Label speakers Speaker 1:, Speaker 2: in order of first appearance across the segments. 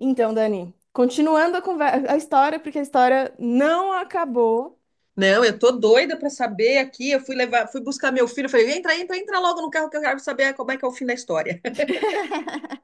Speaker 1: Então, Dani, continuando a história, porque a história não acabou,
Speaker 2: Não, eu tô doida pra saber aqui. Eu fui levar, fui buscar meu filho. Eu falei, entra, entra, entra logo no carro que eu quero saber como é que é o fim da história.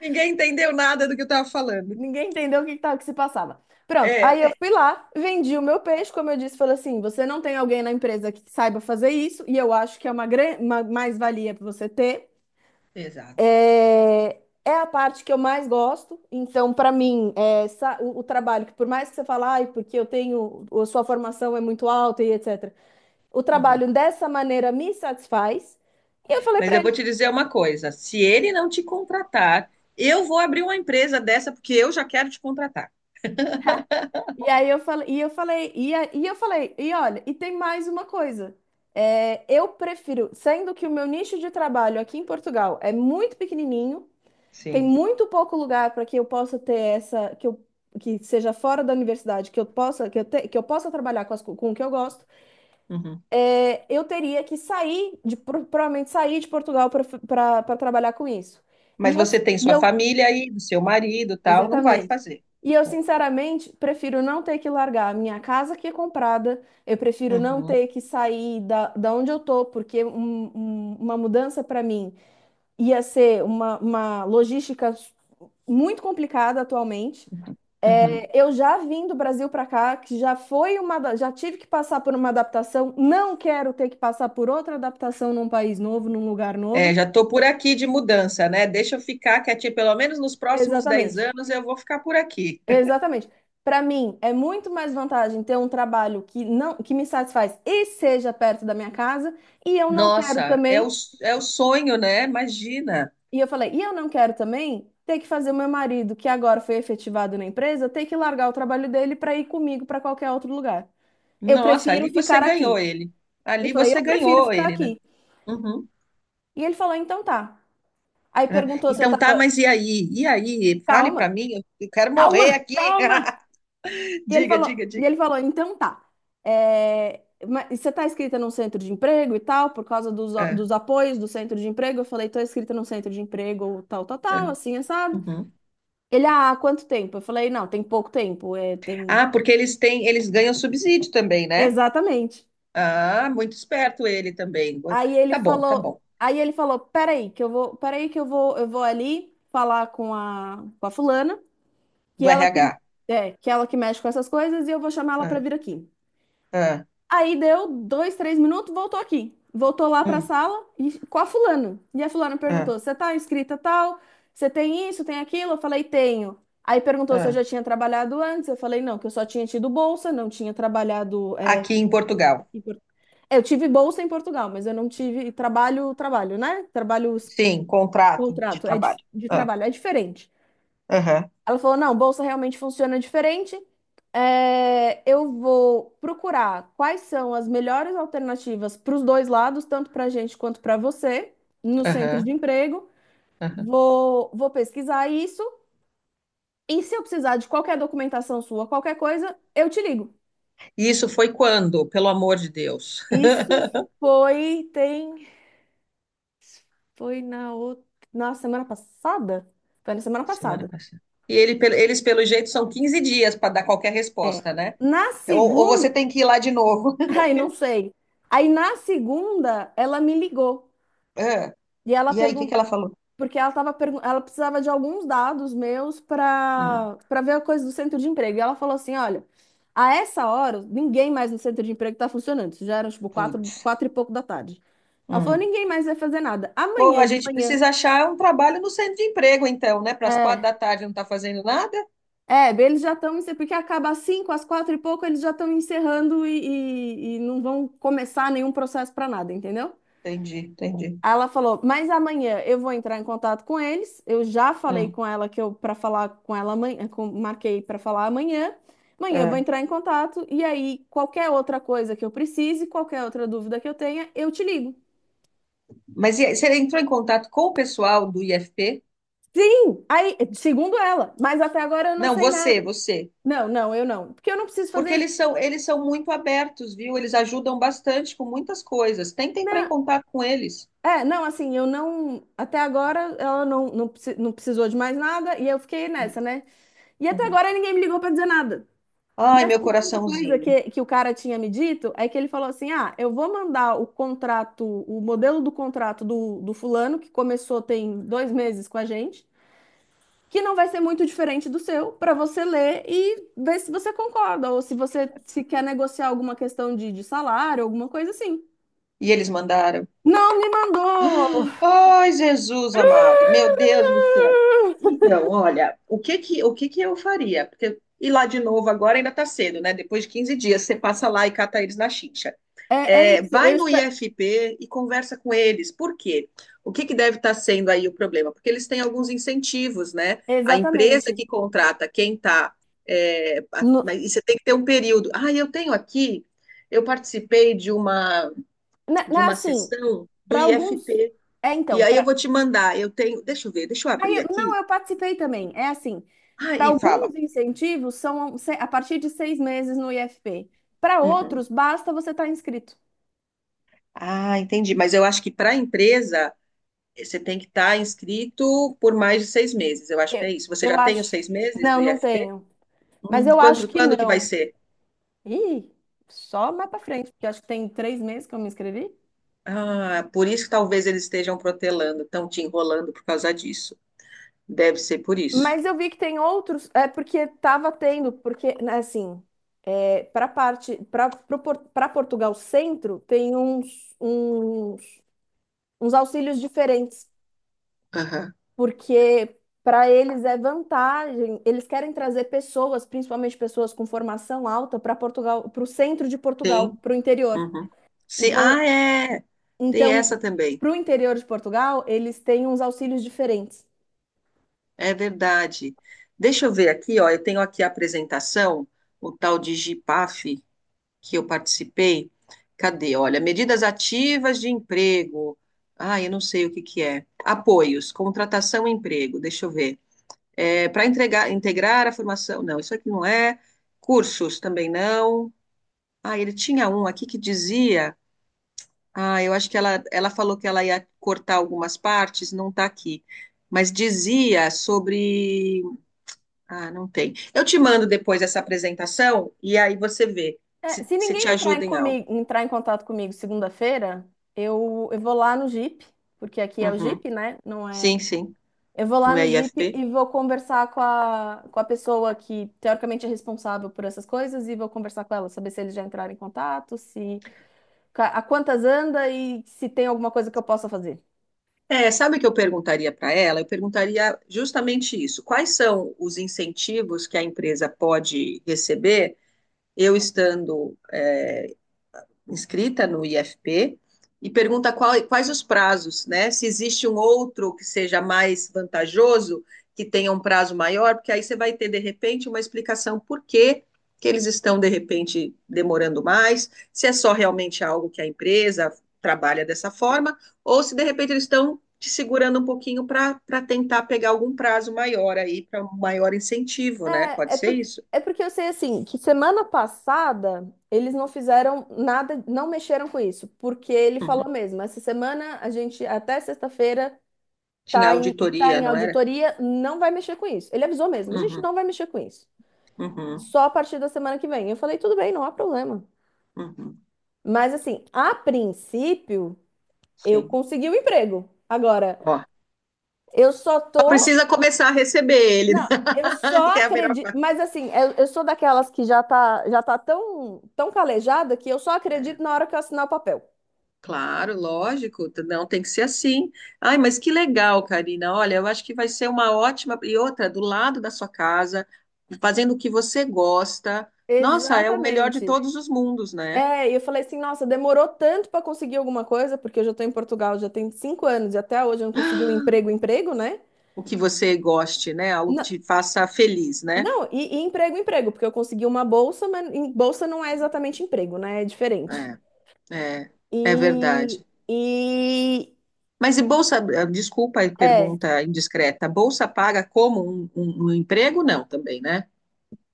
Speaker 2: Ninguém entendeu nada do que eu tava falando.
Speaker 1: ninguém entendeu o que, que se passava. Pronto,
Speaker 2: É,
Speaker 1: aí eu fui lá, vendi o meu peixe, como eu disse, falei assim: você não tem alguém na empresa que saiba fazer isso, e eu acho que é uma mais-valia para você ter.
Speaker 2: exato.
Speaker 1: É a parte que eu mais gosto, então, para mim, o trabalho, que por mais que você fale, ai, porque eu tenho, a sua formação é muito alta e etc., o
Speaker 2: Uhum.
Speaker 1: trabalho dessa maneira me satisfaz. E eu falei
Speaker 2: Mas
Speaker 1: pra
Speaker 2: eu vou te dizer uma coisa: se ele não te contratar, eu vou abrir uma empresa dessa porque eu já quero te contratar.
Speaker 1: E aí eu falei, e olha, e tem mais uma coisa. É, eu prefiro, sendo que o meu nicho de trabalho aqui em Portugal é muito pequenininho, tem
Speaker 2: Sim.
Speaker 1: muito pouco lugar para que eu possa ter essa, que seja fora da universidade, que eu possa trabalhar com o que eu gosto,
Speaker 2: Uhum.
Speaker 1: é, eu teria que sair, provavelmente sair de Portugal para trabalhar com isso. E
Speaker 2: Mas
Speaker 1: eu,
Speaker 2: você tem
Speaker 1: e
Speaker 2: sua
Speaker 1: eu
Speaker 2: família aí, do seu marido, e tal, não vai
Speaker 1: Exatamente.
Speaker 2: fazer.
Speaker 1: E eu, sinceramente, prefiro não ter que largar a minha casa que é comprada, eu prefiro não
Speaker 2: Uhum.
Speaker 1: ter que sair da onde eu tô, porque uma mudança para mim ia ser uma logística muito complicada atualmente.
Speaker 2: Uhum.
Speaker 1: É, eu já vim do Brasil para cá, que já foi já tive que passar por uma adaptação, não quero ter que passar por outra adaptação num país novo, num lugar novo.
Speaker 2: É, já tô por aqui de mudança, né? Deixa eu ficar quietinha, pelo menos nos próximos 10
Speaker 1: Exatamente.
Speaker 2: anos eu vou ficar por aqui.
Speaker 1: Exatamente. Para mim, é muito mais vantagem ter um trabalho que não que me satisfaz e seja perto da minha casa, e eu não quero
Speaker 2: Nossa, é o,
Speaker 1: também,
Speaker 2: é o sonho, né? Imagina.
Speaker 1: e eu não quero também ter que fazer o meu marido, que agora foi efetivado na empresa, ter que largar o trabalho dele para ir comigo para qualquer outro lugar. Eu
Speaker 2: Nossa,
Speaker 1: prefiro
Speaker 2: ali você
Speaker 1: ficar
Speaker 2: ganhou
Speaker 1: aqui.
Speaker 2: ele.
Speaker 1: Eu
Speaker 2: Ali
Speaker 1: falei,
Speaker 2: você
Speaker 1: eu prefiro
Speaker 2: ganhou
Speaker 1: ficar
Speaker 2: ele, né?
Speaker 1: aqui.
Speaker 2: Uhum.
Speaker 1: E ele falou, então tá. Aí
Speaker 2: É.
Speaker 1: perguntou se eu
Speaker 2: Então tá,
Speaker 1: tava
Speaker 2: mas e aí? E aí? Fale pra
Speaker 1: calma,
Speaker 2: mim, eu quero morrer
Speaker 1: calma,
Speaker 2: aqui.
Speaker 1: calma. E ele
Speaker 2: Diga,
Speaker 1: falou,
Speaker 2: diga,
Speaker 1: e
Speaker 2: diga.
Speaker 1: ele falou, então tá. É, mas você tá inscrita num centro de emprego e tal, por causa dos,
Speaker 2: É,
Speaker 1: dos apoios do centro de emprego? Eu falei, tô inscrita num centro de emprego, tal, tal,
Speaker 2: é.
Speaker 1: tal, assim, assado.
Speaker 2: Uhum.
Speaker 1: Ele, há quanto tempo? Eu falei, não, tem pouco tempo, é, tem.
Speaker 2: Ah, porque eles têm, eles ganham subsídio também, né?
Speaker 1: Exatamente.
Speaker 2: Ah, muito esperto ele também.
Speaker 1: Aí ele
Speaker 2: Tá bom, tá
Speaker 1: falou,
Speaker 2: bom.
Speaker 1: aí ele falou, peraí, que eu vou, peraí que eu vou ali falar com a fulana, que
Speaker 2: Do
Speaker 1: ela que,
Speaker 2: RH.
Speaker 1: que ela que mexe com essas coisas e eu vou chamar ela pra
Speaker 2: Ah,
Speaker 1: vir aqui.
Speaker 2: ah,
Speaker 1: Aí deu dois, três minutos, voltou aqui. Voltou lá para a
Speaker 2: hum,
Speaker 1: sala e, com a fulana. E a fulana
Speaker 2: ah,
Speaker 1: perguntou: Você tá inscrita tal? Você tem isso, tem aquilo? Eu falei: Tenho. Aí perguntou se eu
Speaker 2: ah.
Speaker 1: já tinha trabalhado antes. Eu falei: Não, que eu só tinha tido bolsa, não tinha trabalhado.
Speaker 2: Aqui em Portugal.
Speaker 1: Em Por- Eu tive bolsa em Portugal, mas eu não tive trabalho, trabalho, né? Trabalho,
Speaker 2: Sim, contrato de
Speaker 1: contrato, é de,
Speaker 2: trabalho.
Speaker 1: de
Speaker 2: Ah,
Speaker 1: trabalho, é diferente.
Speaker 2: aham.
Speaker 1: Ela falou: não, bolsa realmente funciona diferente. É, eu vou procurar quais são as melhores alternativas para os dois lados, tanto para a gente quanto para você, no centro de
Speaker 2: Aham,
Speaker 1: emprego.
Speaker 2: aham.
Speaker 1: Vou pesquisar isso. E se eu precisar de qualquer documentação sua, qualquer coisa, eu te ligo.
Speaker 2: E isso foi quando? Pelo amor de Deus.
Speaker 1: Isso foi, tem, foi na outra, na semana passada? Foi na semana
Speaker 2: Semana
Speaker 1: passada.
Speaker 2: passada. E ele, eles, pelo jeito, são 15 dias para dar qualquer
Speaker 1: É.
Speaker 2: resposta, né?
Speaker 1: Na
Speaker 2: Ou você
Speaker 1: segunda,
Speaker 2: tem que ir lá de novo.
Speaker 1: ai, não sei. Aí na segunda, ela me ligou.
Speaker 2: Ah,
Speaker 1: E ela
Speaker 2: e aí, o que
Speaker 1: perguntou,
Speaker 2: que ela falou?
Speaker 1: porque ela precisava de alguns dados meus
Speaker 2: Hum,
Speaker 1: para ver a coisa do centro de emprego. E ela falou assim: olha, a essa hora, ninguém mais no centro de emprego está funcionando. Isso já era tipo quatro,
Speaker 2: putz.
Speaker 1: quatro e pouco da tarde. Ela falou:
Speaker 2: Hum.
Speaker 1: ninguém mais vai fazer nada.
Speaker 2: Pô,
Speaker 1: Amanhã
Speaker 2: a
Speaker 1: de
Speaker 2: gente
Speaker 1: manhã.
Speaker 2: precisa achar um trabalho no centro de emprego, então, né? Para as quatro
Speaker 1: É,
Speaker 2: da tarde não tá fazendo nada?
Speaker 1: é, eles já estão, porque acaba às cinco, às quatro e pouco, eles já estão encerrando e não vão começar nenhum processo para nada, entendeu?
Speaker 2: Entendi, entendi.
Speaker 1: Aí ela falou, mas amanhã eu vou entrar em contato com eles. Eu já falei
Speaker 2: Hum,
Speaker 1: com ela que eu para falar com ela amanhã, marquei para falar amanhã. Amanhã eu vou
Speaker 2: ah.
Speaker 1: entrar em contato e aí qualquer outra coisa que eu precise, qualquer outra dúvida que eu tenha, eu te ligo.
Speaker 2: Mas e aí, você entrou em contato com o pessoal do IFP?
Speaker 1: Sim, aí, segundo ela, mas até agora eu não
Speaker 2: Não,
Speaker 1: sei nada.
Speaker 2: você, você.
Speaker 1: Não, não, eu não, porque eu não preciso fazer
Speaker 2: Porque
Speaker 1: isso.
Speaker 2: eles são muito abertos, viu? Eles ajudam bastante com muitas coisas. Tenta entrar em
Speaker 1: Não,
Speaker 2: contato com eles.
Speaker 1: é, não, assim, eu não, até agora ela não precisou de mais nada e eu fiquei nessa, né? E até
Speaker 2: Uhum.
Speaker 1: agora ninguém me ligou para dizer nada. E
Speaker 2: Ai,
Speaker 1: a
Speaker 2: meu
Speaker 1: segunda coisa
Speaker 2: coraçãozinho.
Speaker 1: que o cara tinha me dito é que ele falou assim: eu vou mandar o contrato, o modelo do contrato do fulano, que começou tem 2 meses com a gente, que não vai ser muito diferente do seu, para você ler e ver se você concorda, ou se você se quer negociar alguma questão de salário, alguma coisa assim.
Speaker 2: E eles mandaram.
Speaker 1: Não me mandou!
Speaker 2: Ai, Jesus amado, meu Deus do céu. Então, olha, o que que eu faria? Porque ir lá de novo agora ainda tá cedo, né? Depois de 15 dias, você passa lá e cata eles na chincha.
Speaker 1: É, é
Speaker 2: É,
Speaker 1: isso, eu
Speaker 2: vai no
Speaker 1: espero.
Speaker 2: IFP e conversa com eles. Por quê? O que que deve estar sendo aí o problema? Porque eles têm alguns incentivos, né? A empresa
Speaker 1: Exatamente.
Speaker 2: que contrata quem tá. É,
Speaker 1: No,
Speaker 2: mas e você tem que ter um período. Ah, eu tenho aqui, eu participei
Speaker 1: né,
Speaker 2: de uma
Speaker 1: assim,
Speaker 2: sessão do
Speaker 1: para alguns.
Speaker 2: IFP.
Speaker 1: É,
Speaker 2: E
Speaker 1: então,
Speaker 2: aí eu vou te mandar. Eu tenho. Deixa eu ver, deixa eu abrir
Speaker 1: Não,
Speaker 2: aqui.
Speaker 1: eu participei também. É assim,
Speaker 2: Ah,
Speaker 1: para
Speaker 2: e fala.
Speaker 1: alguns incentivos são a partir de 6 meses no IFP. Para outros,
Speaker 2: Uhum.
Speaker 1: basta você estar inscrito.
Speaker 2: Ah, entendi. Mas eu acho que para a empresa você tem que estar inscrito por mais de 6 meses. Eu acho que
Speaker 1: Eu,
Speaker 2: é isso. Você
Speaker 1: eu
Speaker 2: já tem os
Speaker 1: acho.
Speaker 2: 6 meses do
Speaker 1: Não, não
Speaker 2: IFP?
Speaker 1: tenho. Mas eu acho
Speaker 2: Quando,
Speaker 1: que
Speaker 2: quando que vai
Speaker 1: não.
Speaker 2: ser?
Speaker 1: Ih, só mais para frente, porque acho que tem 3 meses que eu me inscrevi.
Speaker 2: Ah, por isso que talvez eles estejam protelando, estão te enrolando por causa disso. Deve ser por isso.
Speaker 1: Mas eu vi que tem outros, é porque estava tendo, porque né, assim, para parte, para para Portugal Centro tem uns auxílios diferentes.
Speaker 2: Aham.
Speaker 1: Porque para eles é vantagem, eles querem trazer pessoas, principalmente pessoas com formação alta, para Portugal, para o centro de Portugal,
Speaker 2: Sim.
Speaker 1: para o interior.
Speaker 2: Uhum. Sim.
Speaker 1: Então,
Speaker 2: Ah, é. Tem
Speaker 1: então,
Speaker 2: essa também.
Speaker 1: para o interior de Portugal, eles têm uns auxílios diferentes.
Speaker 2: É verdade. Deixa eu ver aqui, ó. Eu tenho aqui a apresentação, o tal de GIPAF que eu participei. Cadê? Olha, medidas ativas de emprego. Ah, eu não sei o que que é. Apoios, contratação e emprego. Deixa eu ver. É, para entregar, integrar a formação. Não, isso aqui não é. Cursos também não. Ah, ele tinha um aqui que dizia. Ah, eu acho que ela falou que ela ia cortar algumas partes, não está aqui. Mas dizia sobre ah, não tem. Eu te mando depois essa apresentação e aí você vê
Speaker 1: É,
Speaker 2: se,
Speaker 1: se
Speaker 2: se te
Speaker 1: ninguém
Speaker 2: ajuda em algo.
Speaker 1: entrar em contato comigo segunda-feira, eu vou lá no Jeep, porque aqui é o
Speaker 2: Uhum.
Speaker 1: Jeep, né? Não é.
Speaker 2: Sim, sim,
Speaker 1: Eu vou lá
Speaker 2: não
Speaker 1: no
Speaker 2: é
Speaker 1: Jeep
Speaker 2: IFP?
Speaker 1: e vou conversar com a pessoa que teoricamente é responsável por essas coisas e vou conversar com ela, saber se eles já entraram em contato, se ca- a quantas anda e se tem alguma coisa que eu possa fazer.
Speaker 2: É, sabe o que eu perguntaria para ela? Eu perguntaria justamente isso. Quais são os incentivos que a empresa pode receber eu estando é, inscrita no IFP e pergunta qual, quais os prazos, né? Se existe um outro que seja mais vantajoso, que tenha um prazo maior, porque aí você vai ter, de repente, uma explicação por que que eles estão, de repente, demorando mais, se é só realmente algo que a empresa trabalha dessa forma, ou se, de repente, eles estão te segurando um pouquinho para tentar pegar algum prazo maior aí, para um maior incentivo, né?
Speaker 1: É,
Speaker 2: Pode
Speaker 1: é
Speaker 2: ser
Speaker 1: porque,
Speaker 2: isso?
Speaker 1: é porque eu sei assim, que semana passada eles não fizeram nada, não mexeram com isso, porque ele falou
Speaker 2: Uhum.
Speaker 1: mesmo, essa semana a gente até sexta-feira
Speaker 2: Tinha
Speaker 1: tá em, tá
Speaker 2: auditoria,
Speaker 1: em
Speaker 2: não era?
Speaker 1: auditoria, não vai mexer com isso. Ele avisou mesmo, a gente
Speaker 2: Uhum,
Speaker 1: não vai mexer com isso.
Speaker 2: uhum,
Speaker 1: Só a partir da semana que vem. Eu falei, tudo bem, não há problema.
Speaker 2: uhum.
Speaker 1: Mas assim, a princípio, eu
Speaker 2: Sim.
Speaker 1: consegui o emprego. Agora,
Speaker 2: Ó, só
Speaker 1: eu só tô.
Speaker 2: precisa começar a receber ele, né?
Speaker 1: Não, eu
Speaker 2: Que
Speaker 1: só
Speaker 2: é a melhor
Speaker 1: acredito.
Speaker 2: parte.
Speaker 1: Mas assim, eu sou daquelas que já tá tão, tão calejada que eu só
Speaker 2: É,
Speaker 1: acredito na hora que eu assinar o papel.
Speaker 2: claro, lógico, não tem que ser assim. Ai, mas que legal, Karina. Olha, eu acho que vai ser uma ótima. E outra, do lado da sua casa, fazendo o que você gosta. Nossa, é o melhor de
Speaker 1: Exatamente.
Speaker 2: todos os mundos, né?
Speaker 1: É, e eu falei assim, nossa, demorou tanto para conseguir alguma coisa, porque eu já tô em Portugal já tem 5 anos e até hoje eu não consegui um emprego, emprego, né?
Speaker 2: O que você goste, né? Algo que
Speaker 1: Na-
Speaker 2: te faça feliz, né?
Speaker 1: Não, e emprego, emprego, porque eu consegui uma bolsa, mas bolsa não é exatamente emprego, né? É diferente.
Speaker 2: É, é, é
Speaker 1: E,
Speaker 2: verdade.
Speaker 1: e
Speaker 2: Mas e bolsa, eh, desculpa a
Speaker 1: é,
Speaker 2: pergunta indiscreta, bolsa paga como um emprego? Não, também, né?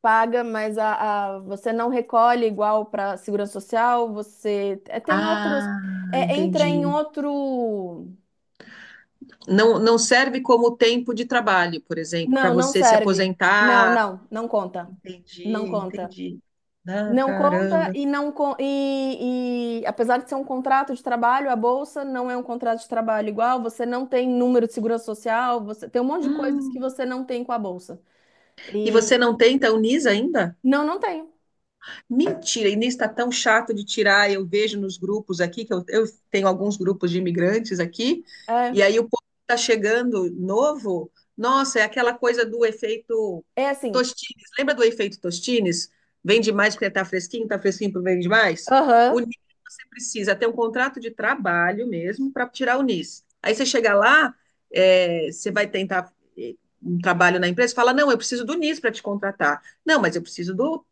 Speaker 1: paga, mas você não recolhe igual para segurança social, você é, tem outros,
Speaker 2: Ah,
Speaker 1: é, entra em
Speaker 2: entendi.
Speaker 1: outro.
Speaker 2: Não, não serve como tempo de trabalho, por exemplo, para
Speaker 1: Não, não
Speaker 2: você se
Speaker 1: serve. Não,
Speaker 2: aposentar.
Speaker 1: não, não conta. Não
Speaker 2: Entendi,
Speaker 1: conta.
Speaker 2: entendi. Ah,
Speaker 1: Não conta
Speaker 2: caramba.
Speaker 1: e não con- e apesar de ser um contrato de trabalho, a bolsa não é um contrato de trabalho igual, você não tem número de segurança social, você tem um monte de coisas que
Speaker 2: Hum.
Speaker 1: você não tem com a bolsa.
Speaker 2: E você
Speaker 1: E
Speaker 2: não tem, então, NIS ainda?
Speaker 1: não, não tem.
Speaker 2: Mentira, e nisso está tão chato de tirar. Eu vejo nos grupos aqui, que eu tenho alguns grupos de imigrantes aqui,
Speaker 1: É,
Speaker 2: e aí o povo está chegando novo. Nossa, é aquela coisa do efeito
Speaker 1: é assim.
Speaker 2: Tostines. Lembra do efeito Tostines? Vende mais porque está fresquinho porque vende mais? O
Speaker 1: Aham.
Speaker 2: NIS você precisa ter um contrato de trabalho mesmo para tirar o NIS. Aí você chega lá, é, você vai tentar um trabalho na empresa, fala, não, eu preciso do NIS para te contratar. Não, mas eu preciso do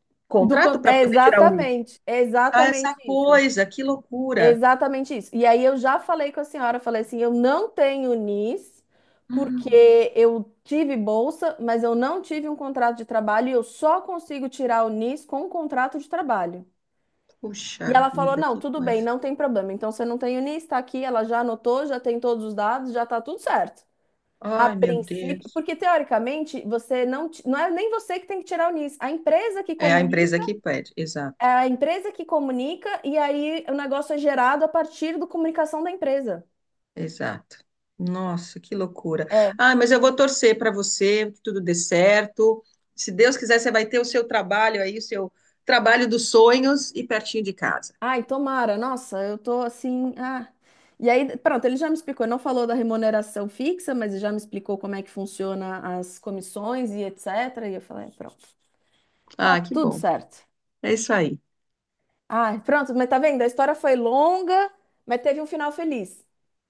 Speaker 1: do
Speaker 2: contrato
Speaker 1: con-
Speaker 2: para poder tirar o nível.
Speaker 1: é
Speaker 2: Ah,
Speaker 1: exatamente
Speaker 2: essa
Speaker 1: isso.
Speaker 2: coisa, que loucura.
Speaker 1: Exatamente isso. E aí eu já falei com a senhora, falei assim, eu não tenho NIS,
Speaker 2: Hum,
Speaker 1: porque eu tive bolsa, mas eu não tive um contrato de trabalho e eu só consigo tirar o NIS com um contrato de trabalho. E
Speaker 2: puxa
Speaker 1: ela falou,
Speaker 2: vida,
Speaker 1: não,
Speaker 2: que
Speaker 1: tudo bem,
Speaker 2: coisa.
Speaker 1: não tem problema. Então você não tem o NIS, está aqui, ela já anotou, já tem todos os dados, já está tudo certo. A
Speaker 2: Ai, meu
Speaker 1: princípio,
Speaker 2: Deus.
Speaker 1: porque teoricamente você não é nem você que tem que tirar o NIS, a empresa que
Speaker 2: É a
Speaker 1: comunica,
Speaker 2: empresa que pede,
Speaker 1: é
Speaker 2: exato,
Speaker 1: a empresa que comunica e aí o negócio é gerado a partir da comunicação da empresa.
Speaker 2: exato. Nossa, que loucura.
Speaker 1: É.
Speaker 2: Ah, mas eu vou torcer para você, que tudo dê certo. Se Deus quiser, você vai ter o seu trabalho aí, o seu trabalho dos sonhos e pertinho de casa.
Speaker 1: Ai, tomara. Nossa, eu tô assim. Ah. E aí, pronto, ele já me explicou. Ele não falou da remuneração fixa, mas ele já me explicou como é que funciona as comissões e etc. E eu falei, "É, pronto, tá
Speaker 2: Ah, que
Speaker 1: tudo
Speaker 2: bom.
Speaker 1: certo.
Speaker 2: É isso aí.
Speaker 1: Ai, pronto, mas tá vendo? A história foi longa, mas teve um final feliz.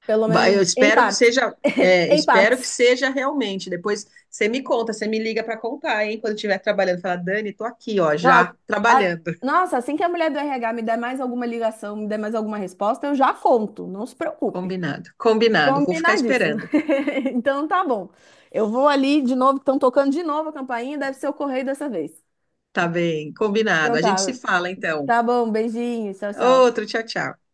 Speaker 1: Pelo
Speaker 2: Vai,
Speaker 1: menos
Speaker 2: eu
Speaker 1: em
Speaker 2: espero que
Speaker 1: parte.
Speaker 2: seja, é,
Speaker 1: Em
Speaker 2: espero que
Speaker 1: partes.
Speaker 2: seja realmente. Depois você me conta, você me liga para contar, hein? Quando estiver trabalhando, fala, Dani, tô aqui, ó,
Speaker 1: Nó-
Speaker 2: já
Speaker 1: a-
Speaker 2: trabalhando.
Speaker 1: Nossa, assim que a mulher do RH me der mais alguma ligação, me der mais alguma resposta, eu já conto. Não se preocupe.
Speaker 2: Combinado, combinado. Vou ficar
Speaker 1: Combinadíssimo.
Speaker 2: esperando.
Speaker 1: Então tá bom. Eu vou ali de novo, estão tocando de novo a campainha, deve ser o correio dessa vez.
Speaker 2: Tá bem, combinado.
Speaker 1: Então
Speaker 2: A gente se
Speaker 1: tá,
Speaker 2: fala então.
Speaker 1: tá bom, beijinho, tchau, tchau.
Speaker 2: Outro, tchau, tchau.